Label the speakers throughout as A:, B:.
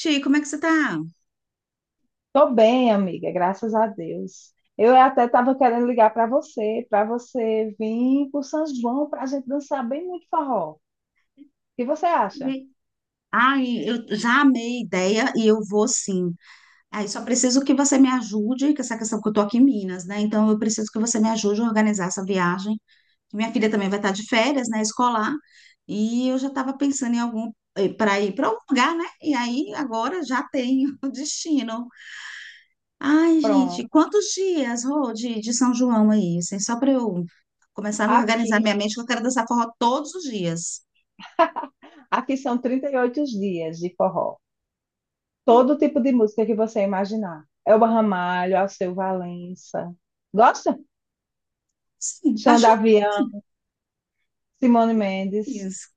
A: Ti, como é que você tá?
B: Tô bem, amiga, graças a Deus. Eu até estava querendo ligar para você vir para São João para a gente dançar bem muito forró. O que você acha?
A: E- Ai, eu já amei a ideia e eu vou sim. Aí só preciso que você me ajude, com essa questão que eu tô aqui em Minas, né? Então eu preciso que você me ajude a organizar essa viagem. Minha filha também vai estar de férias, né? Escolar. E eu já estava pensando em algum para ir para algum lugar, né? E aí agora já tenho o destino. Ai, gente,
B: Pronto.
A: quantos dias, Rô, de São João aí? Assim, só para eu começar a organizar
B: Aqui,
A: minha mente, que eu quero dançar forró todos os dias.
B: aqui são 38 dias de forró. Todo tipo de música que você imaginar. Elba Ramalho, Alceu Valença. Gosta?
A: Sim,
B: Xanda Avião, Simone Mendes.
A: paixões.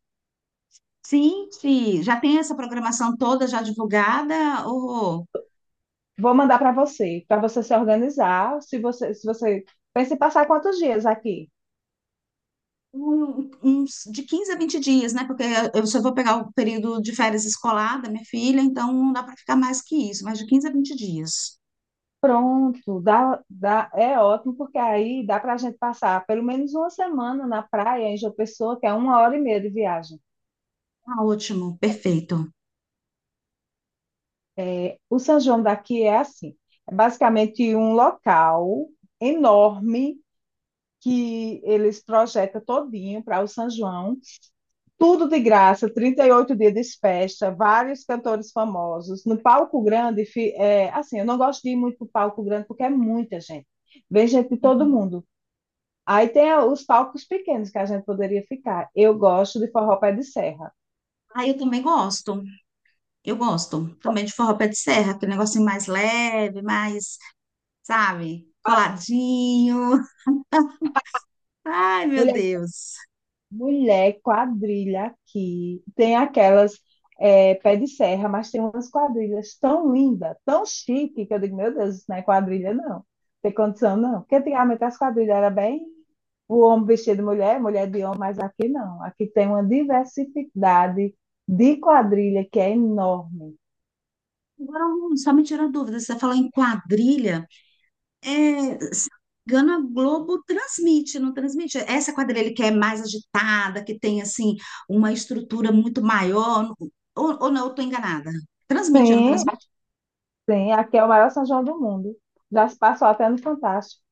A: Gente, já tem essa programação toda já divulgada? Ou
B: Vou mandar para você se organizar. Se você pensa em passar quantos dias aqui?
A: uns de quinze a 20 dias, né? Porque eu só vou pegar o período de férias escolar da minha filha, então não dá para ficar mais que isso, mas de 15 a 20 dias.
B: Pronto, dá, é ótimo, porque aí dá para a gente passar pelo menos uma semana na praia em João Pessoa, que é uma hora e meia de viagem.
A: Ah, ótimo, perfeito.
B: É, o São João daqui é assim, é basicamente um local enorme que eles projetam todinho para o São João, tudo de graça, 38 dias de festa, vários cantores famosos. No palco grande, é, assim, eu não gosto de ir muito para o palco grande porque é muita gente. Vem gente de todo mundo. Aí tem os palcos pequenos que a gente poderia ficar. Eu gosto de forró pé de serra.
A: Ah, eu também gosto, eu gosto também de forró pé de serra, aquele negocinho mais leve, mais, sabe, coladinho. Ai, meu
B: Mulher,
A: Deus.
B: mulher, quadrilha aqui. Tem aquelas é, pé de serra, mas tem umas quadrilhas tão lindas, tão chique, que eu digo, meu Deus, isso não é quadrilha, não. Não tem condição, não. Porque antigamente as quadrilhas era bem o homem vestido de mulher, mulher de homem, mas aqui não. Aqui tem uma diversidade de quadrilha que é enorme.
A: Agora, só me tirou dúvida, você falou em quadrilha. É, se não me engano, a Globo transmite, não transmite. Essa quadrilha que é mais agitada, que tem assim uma estrutura muito maior, ou não, eu estou enganada.
B: Sim,
A: Transmite?
B: sim, aqui é o maior São João do mundo. Já se passou até no Fantástico.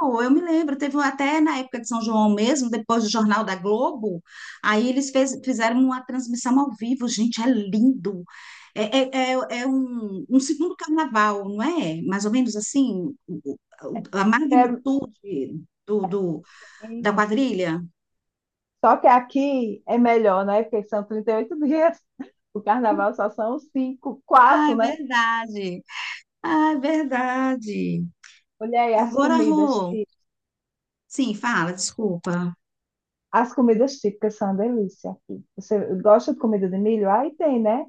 A: Não, eu me lembro, teve até na época de São João mesmo, depois do Jornal da Globo, aí eles fizeram uma transmissão ao vivo, gente, é lindo. É um segundo carnaval, não é? Mais ou menos assim, a
B: É,
A: magnitude do, do- da
B: sim.
A: quadrilha.
B: Só que aqui é melhor, né? Porque são 38 dias. O carnaval só são cinco, quatro,
A: Ai,
B: né?
A: verdade. Ai, verdade.
B: Olha aí as
A: Agora,
B: comidas.
A: Rô, sim, fala, desculpa.
B: As comidas típicas são uma delícia aqui. Você gosta de comida de milho? Aí tem, né?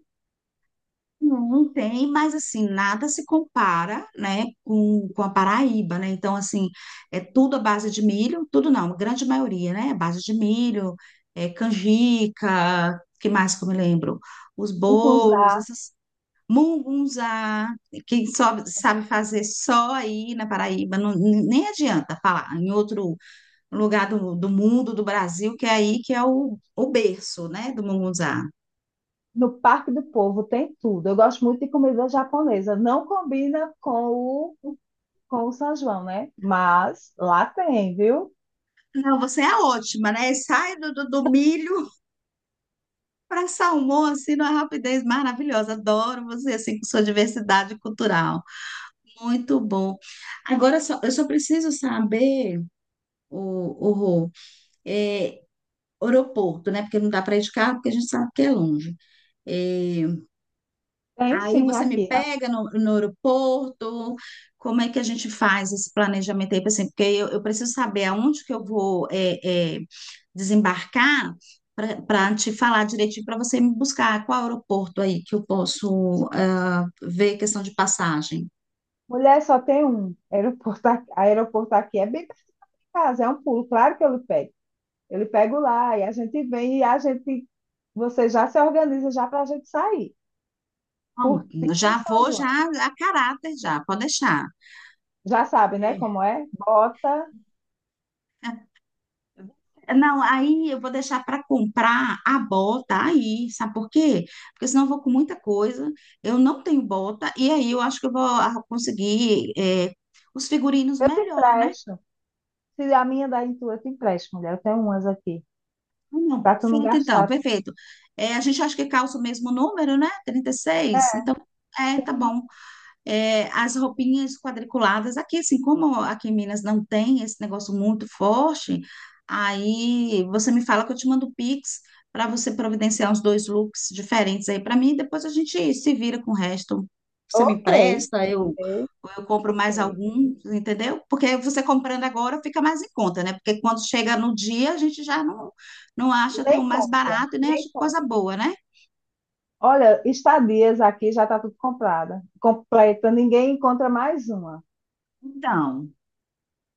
A: Não, não tem, mas assim, nada se compara, né, com a Paraíba, né? Então, assim, é tudo à base de milho, tudo não, a grande maioria, né? À base de milho, é, canjica, que mais que eu me lembro? Os bolos,
B: Mungunzá,
A: essas mungunzá, que só sabe fazer só aí na Paraíba, não, nem adianta falar em outro lugar do mundo, do Brasil, que é aí que é o berço, né, do munguzá.
B: no Parque do Povo tem tudo. Eu gosto muito de comida japonesa. Não combina com o São João, né? Mas lá tem, viu?
A: Não, você é ótima, né? Sai do milho para salmão, assim, numa rapidez maravilhosa. Adoro você, assim, com sua diversidade cultural. Muito bom. Agora, só, eu só preciso saber, o Rô, é, aeroporto, né? Porque não dá para ir de carro, porque a gente sabe que é longe. É,
B: Tem
A: aí
B: sim
A: você me
B: aqui.
A: pega no aeroporto, como é que a gente faz esse planejamento aí, assim, porque eu preciso saber aonde que eu vou é, é, desembarcar para te falar direitinho, para você me buscar qual aeroporto aí que eu posso ver questão de passagem.
B: Mulher só tem um. Aeroporto, aeroporto aqui é bem perto da minha casa, é um pulo. Claro que eu lhe pego. Eu lhe pego lá e a gente vem e a gente, você já se organiza já para a gente sair.
A: Bom,
B: E o
A: já
B: São
A: vou já
B: João?
A: a caráter já, pode deixar.
B: Já sabe, né, como é? Bota,
A: Não, aí eu vou deixar para comprar a bota aí, sabe por quê? Porque senão eu vou com muita coisa, eu não tenho bota, e aí eu acho que eu vou conseguir os figurinos
B: eu te
A: melhor, né?
B: empresto. Se a minha da tua, eu te empresto, mulher. Eu tenho umas aqui,
A: Ah, não,
B: para tu não
A: perfeito, então,
B: gastar.
A: perfeito. Eh, a gente acha que calça o mesmo número, né? 36. Então, é, tá bom. É, as roupinhas quadriculadas. Aqui, assim, como aqui em Minas não tem esse negócio muito forte, aí você me fala que eu te mando o Pix para você providenciar uns dois looks diferentes aí para mim. Depois a gente se vira com o resto. Você me
B: Ok,
A: empresta,
B: ok,
A: eu compro
B: ok.
A: mais algum, entendeu? Porque você comprando agora fica mais em conta, né? Porque quando chega no dia, a gente já não acha tão
B: Nem
A: mais
B: conta,
A: barato e nem acha
B: nem conta.
A: coisa boa, né?
B: Olha, estadias aqui já está tudo comprada, completa, ninguém encontra mais uma.
A: Então.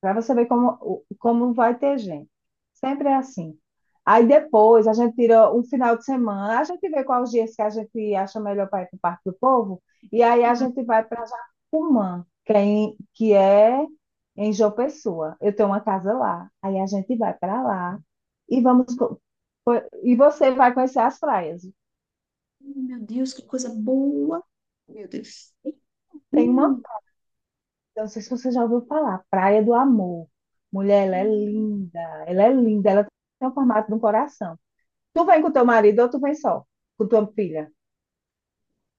B: Para você ver como, como vai ter gente. Sempre é assim. Aí depois a gente tira um final de semana, a gente vê quais os dias que a gente acha melhor para ir para o Parque do Povo, e aí a gente vai para Jacumã, que é em João Pessoa. Eu tenho uma casa lá. Aí a gente vai para lá e e você vai conhecer as praias.
A: Meu Deus, que coisa boa. Meu Deus.
B: Tem uma,
A: Hum,
B: eu não sei se você já ouviu falar, Praia do Amor. Mulher, ela é
A: hum.
B: linda, ela é linda, ela tem o formato de um coração. Tu vem com teu marido ou tu vem só, com tua filha?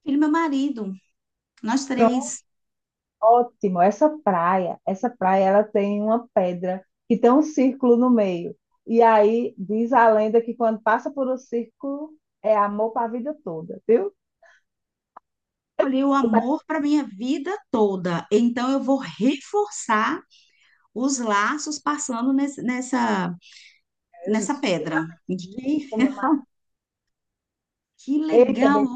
A: Ele, meu marido, nós
B: Pronto,
A: três,
B: ótimo. Essa praia, ela tem uma pedra que tem um círculo no meio. E aí diz a lenda que quando passa por um círculo é amor para a vida toda, viu?
A: escolhi o
B: Você tá...
A: amor para minha vida toda. Então eu vou reforçar os laços passando nessa,
B: Eu já
A: nessa
B: fui
A: pedra. Gente,
B: com meu marido.
A: que
B: Eita,
A: legal!
B: bem,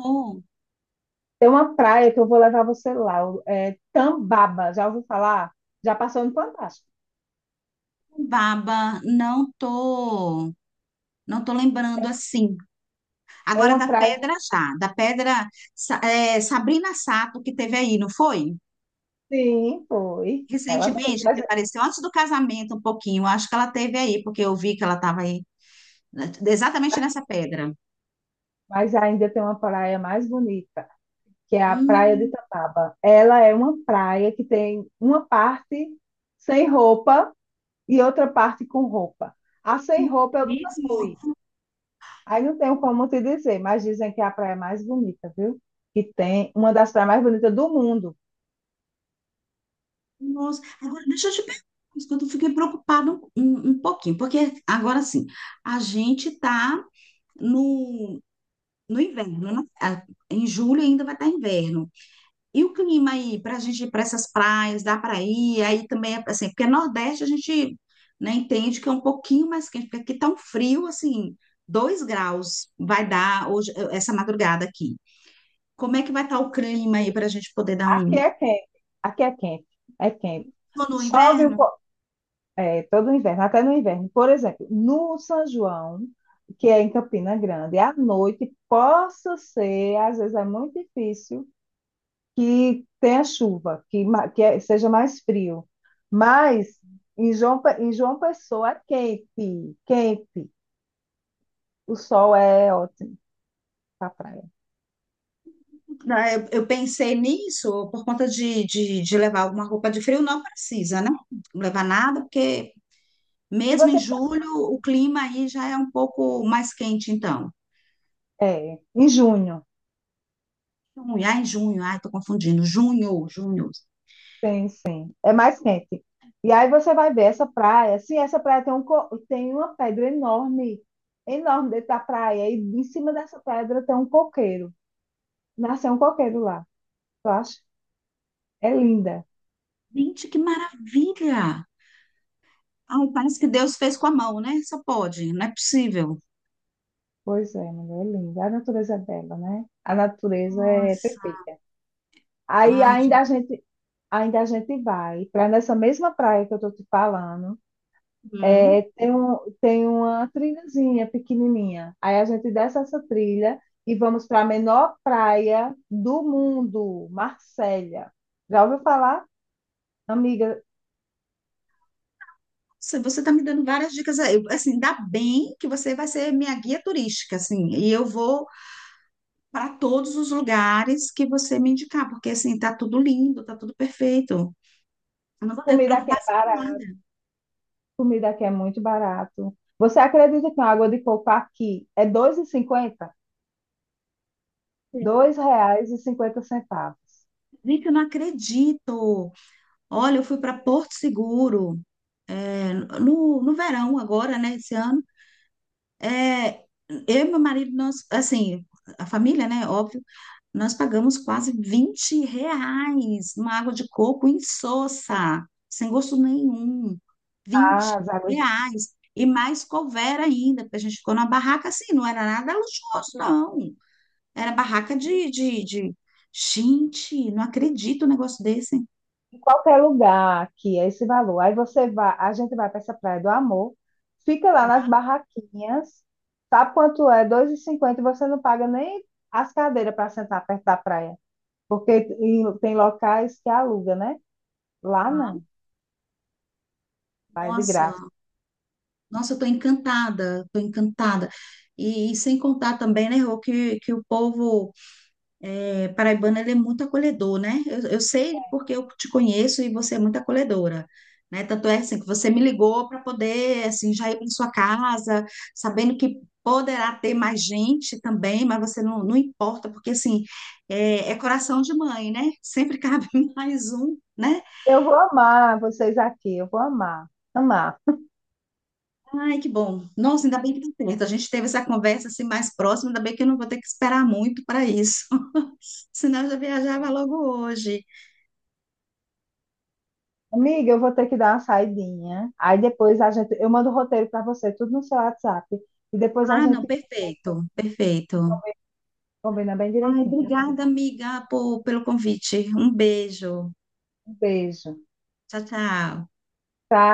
B: tem uma praia que eu vou levar você lá, é Tambaba. Já ouviu falar? Já passou no Fantástico.
A: Baba, não tô lembrando assim.
B: É
A: Agora
B: uma
A: da
B: praia,
A: pedra já, da pedra Sabrina Sato que teve aí, não foi?
B: sim, foi. Ela mesmo,
A: Recentemente, que apareceu antes do casamento um pouquinho, acho que ela teve aí, porque eu vi que ela estava aí, né, exatamente nessa pedra.
B: mas ainda tem uma praia mais bonita que é a Praia de
A: Hum,
B: Tataba. Ela é uma praia que tem uma parte sem roupa e outra parte com roupa. A sem roupa eu nunca
A: mesmo?
B: fui. Aí não tenho como te dizer, mas dizem que é a praia mais bonita, viu? Que tem uma das praias mais bonitas do mundo.
A: Nossa, agora deixa eu te perguntar, uma coisa, que eu fiquei preocupada um pouquinho, porque agora sim, a gente está no, no inverno, né? Ah, em julho ainda vai estar inverno. E o clima aí, para a gente ir para essas praias, dá para ir? Aí também, é assim, porque Nordeste a gente, né, entende que é um pouquinho mais quente, porque aqui tá um frio, assim, 2 graus vai dar hoje, essa madrugada aqui. Como é que vai estar o clima aí para a gente poder dar
B: Aqui
A: um.
B: é quente, aqui é quente, é quente.
A: Ou no
B: Chove um
A: inverno,
B: pouco, é, todo inverno, até no inverno. Por exemplo, no São João, que é em Campina Grande, à noite, possa ser, às vezes é muito difícil que tenha chuva, que, ma- que é- seja mais frio. Mas em João Pessoa é quente, quente. O sol é ótimo para praia.
A: né, eu pensei nisso por conta de levar alguma roupa de frio, não precisa, né? Não levar nada, porque
B: Se
A: mesmo em
B: você quiser-
A: julho o clima aí já é um pouco mais quente, então.
B: é, em junho,
A: Junho, ai, tô confundindo. Junho, junho.
B: tem sim, é mais quente. E aí você vai ver essa praia. Sim, essa praia tem uma pedra enorme, enorme dentro da praia. E em cima dessa pedra tem um coqueiro. Nasceu um coqueiro lá, eu acho. É linda.
A: Gente, que maravilha! Ai, parece que Deus fez com a mão, né? Só pode, não é possível.
B: Pois é, mulher é linda. A natureza é bela, né? A natureza é
A: Nossa,
B: perfeita. Aí
A: ai,
B: ainda
A: gente.
B: a gente, ainda a gente vai para nessa mesma praia que eu tô te falando.
A: Hum.
B: É, tem, um, tem uma trilhazinha pequenininha. Aí a gente desce essa trilha e vamos para a menor praia do mundo, Marsella. Já ouviu falar? Amiga,
A: Nossa, você tá me dando várias dicas aí. Assim, dá bem que você vai ser minha guia turística, assim, e eu vou para todos os lugares que você me indicar, porque assim, tá tudo lindo, tá tudo perfeito. Eu não vou ter
B: comida aqui é
A: preocupação com
B: barata,
A: nada.
B: comida aqui é muito barato. Você acredita que uma água de coco aqui é 2,50 R$ dois reais e cinquenta centavos
A: Gente, eu não acredito. Olha, eu fui para Porto Seguro. É, no verão agora, né, esse ano, é, eu e meu marido, nós, assim, a família, né, óbvio, nós pagamos quase R$ 20 numa água de coco insossa, sem gosto nenhum, 20
B: as águas
A: reais, e mais couvera ainda, porque a gente ficou numa barraca assim, não era nada luxuoso, não, era barraca Gente, não acredito um negócio desse, hein?
B: em qualquer lugar que é esse valor. Aí você vai, a gente vai para essa Praia do Amor, fica lá nas barraquinhas, sabe quanto é? 2,50 e cinquenta, e você não paga nem as cadeiras para sentar perto da praia, porque tem locais que aluga, né? Lá não, vai de
A: Nossa,
B: graça.
A: Nossa, eu estou encantada, estou encantada. E sem contar também, né, Rô, que o povo é, paraibano ele é muito acolhedor, né? Eu sei porque eu te conheço e você é muito acolhedora, né? Tanto é assim que você me ligou para poder assim já ir para sua casa, sabendo que poderá ter mais gente também, mas você não, não importa porque assim é coração de mãe, né? Sempre cabe mais um, né?
B: Eu vou amar vocês aqui, eu vou amar, amar.
A: Ai, que bom. Nossa, ainda bem que deu certo. A gente teve essa conversa assim mais próxima, ainda bem que eu não vou ter que esperar muito para isso. Senão eu já viajava logo hoje.
B: Amiga, eu vou ter que dar uma saidinha. Aí depois a gente, eu mando o roteiro para você, tudo no seu WhatsApp. E depois a
A: Ah, não,
B: gente
A: perfeito, perfeito.
B: combina bem
A: Ai,
B: direitinho, tá?
A: obrigada, amiga, pelo convite. Um beijo.
B: Um beijo,
A: Tchau, tchau.
B: tá?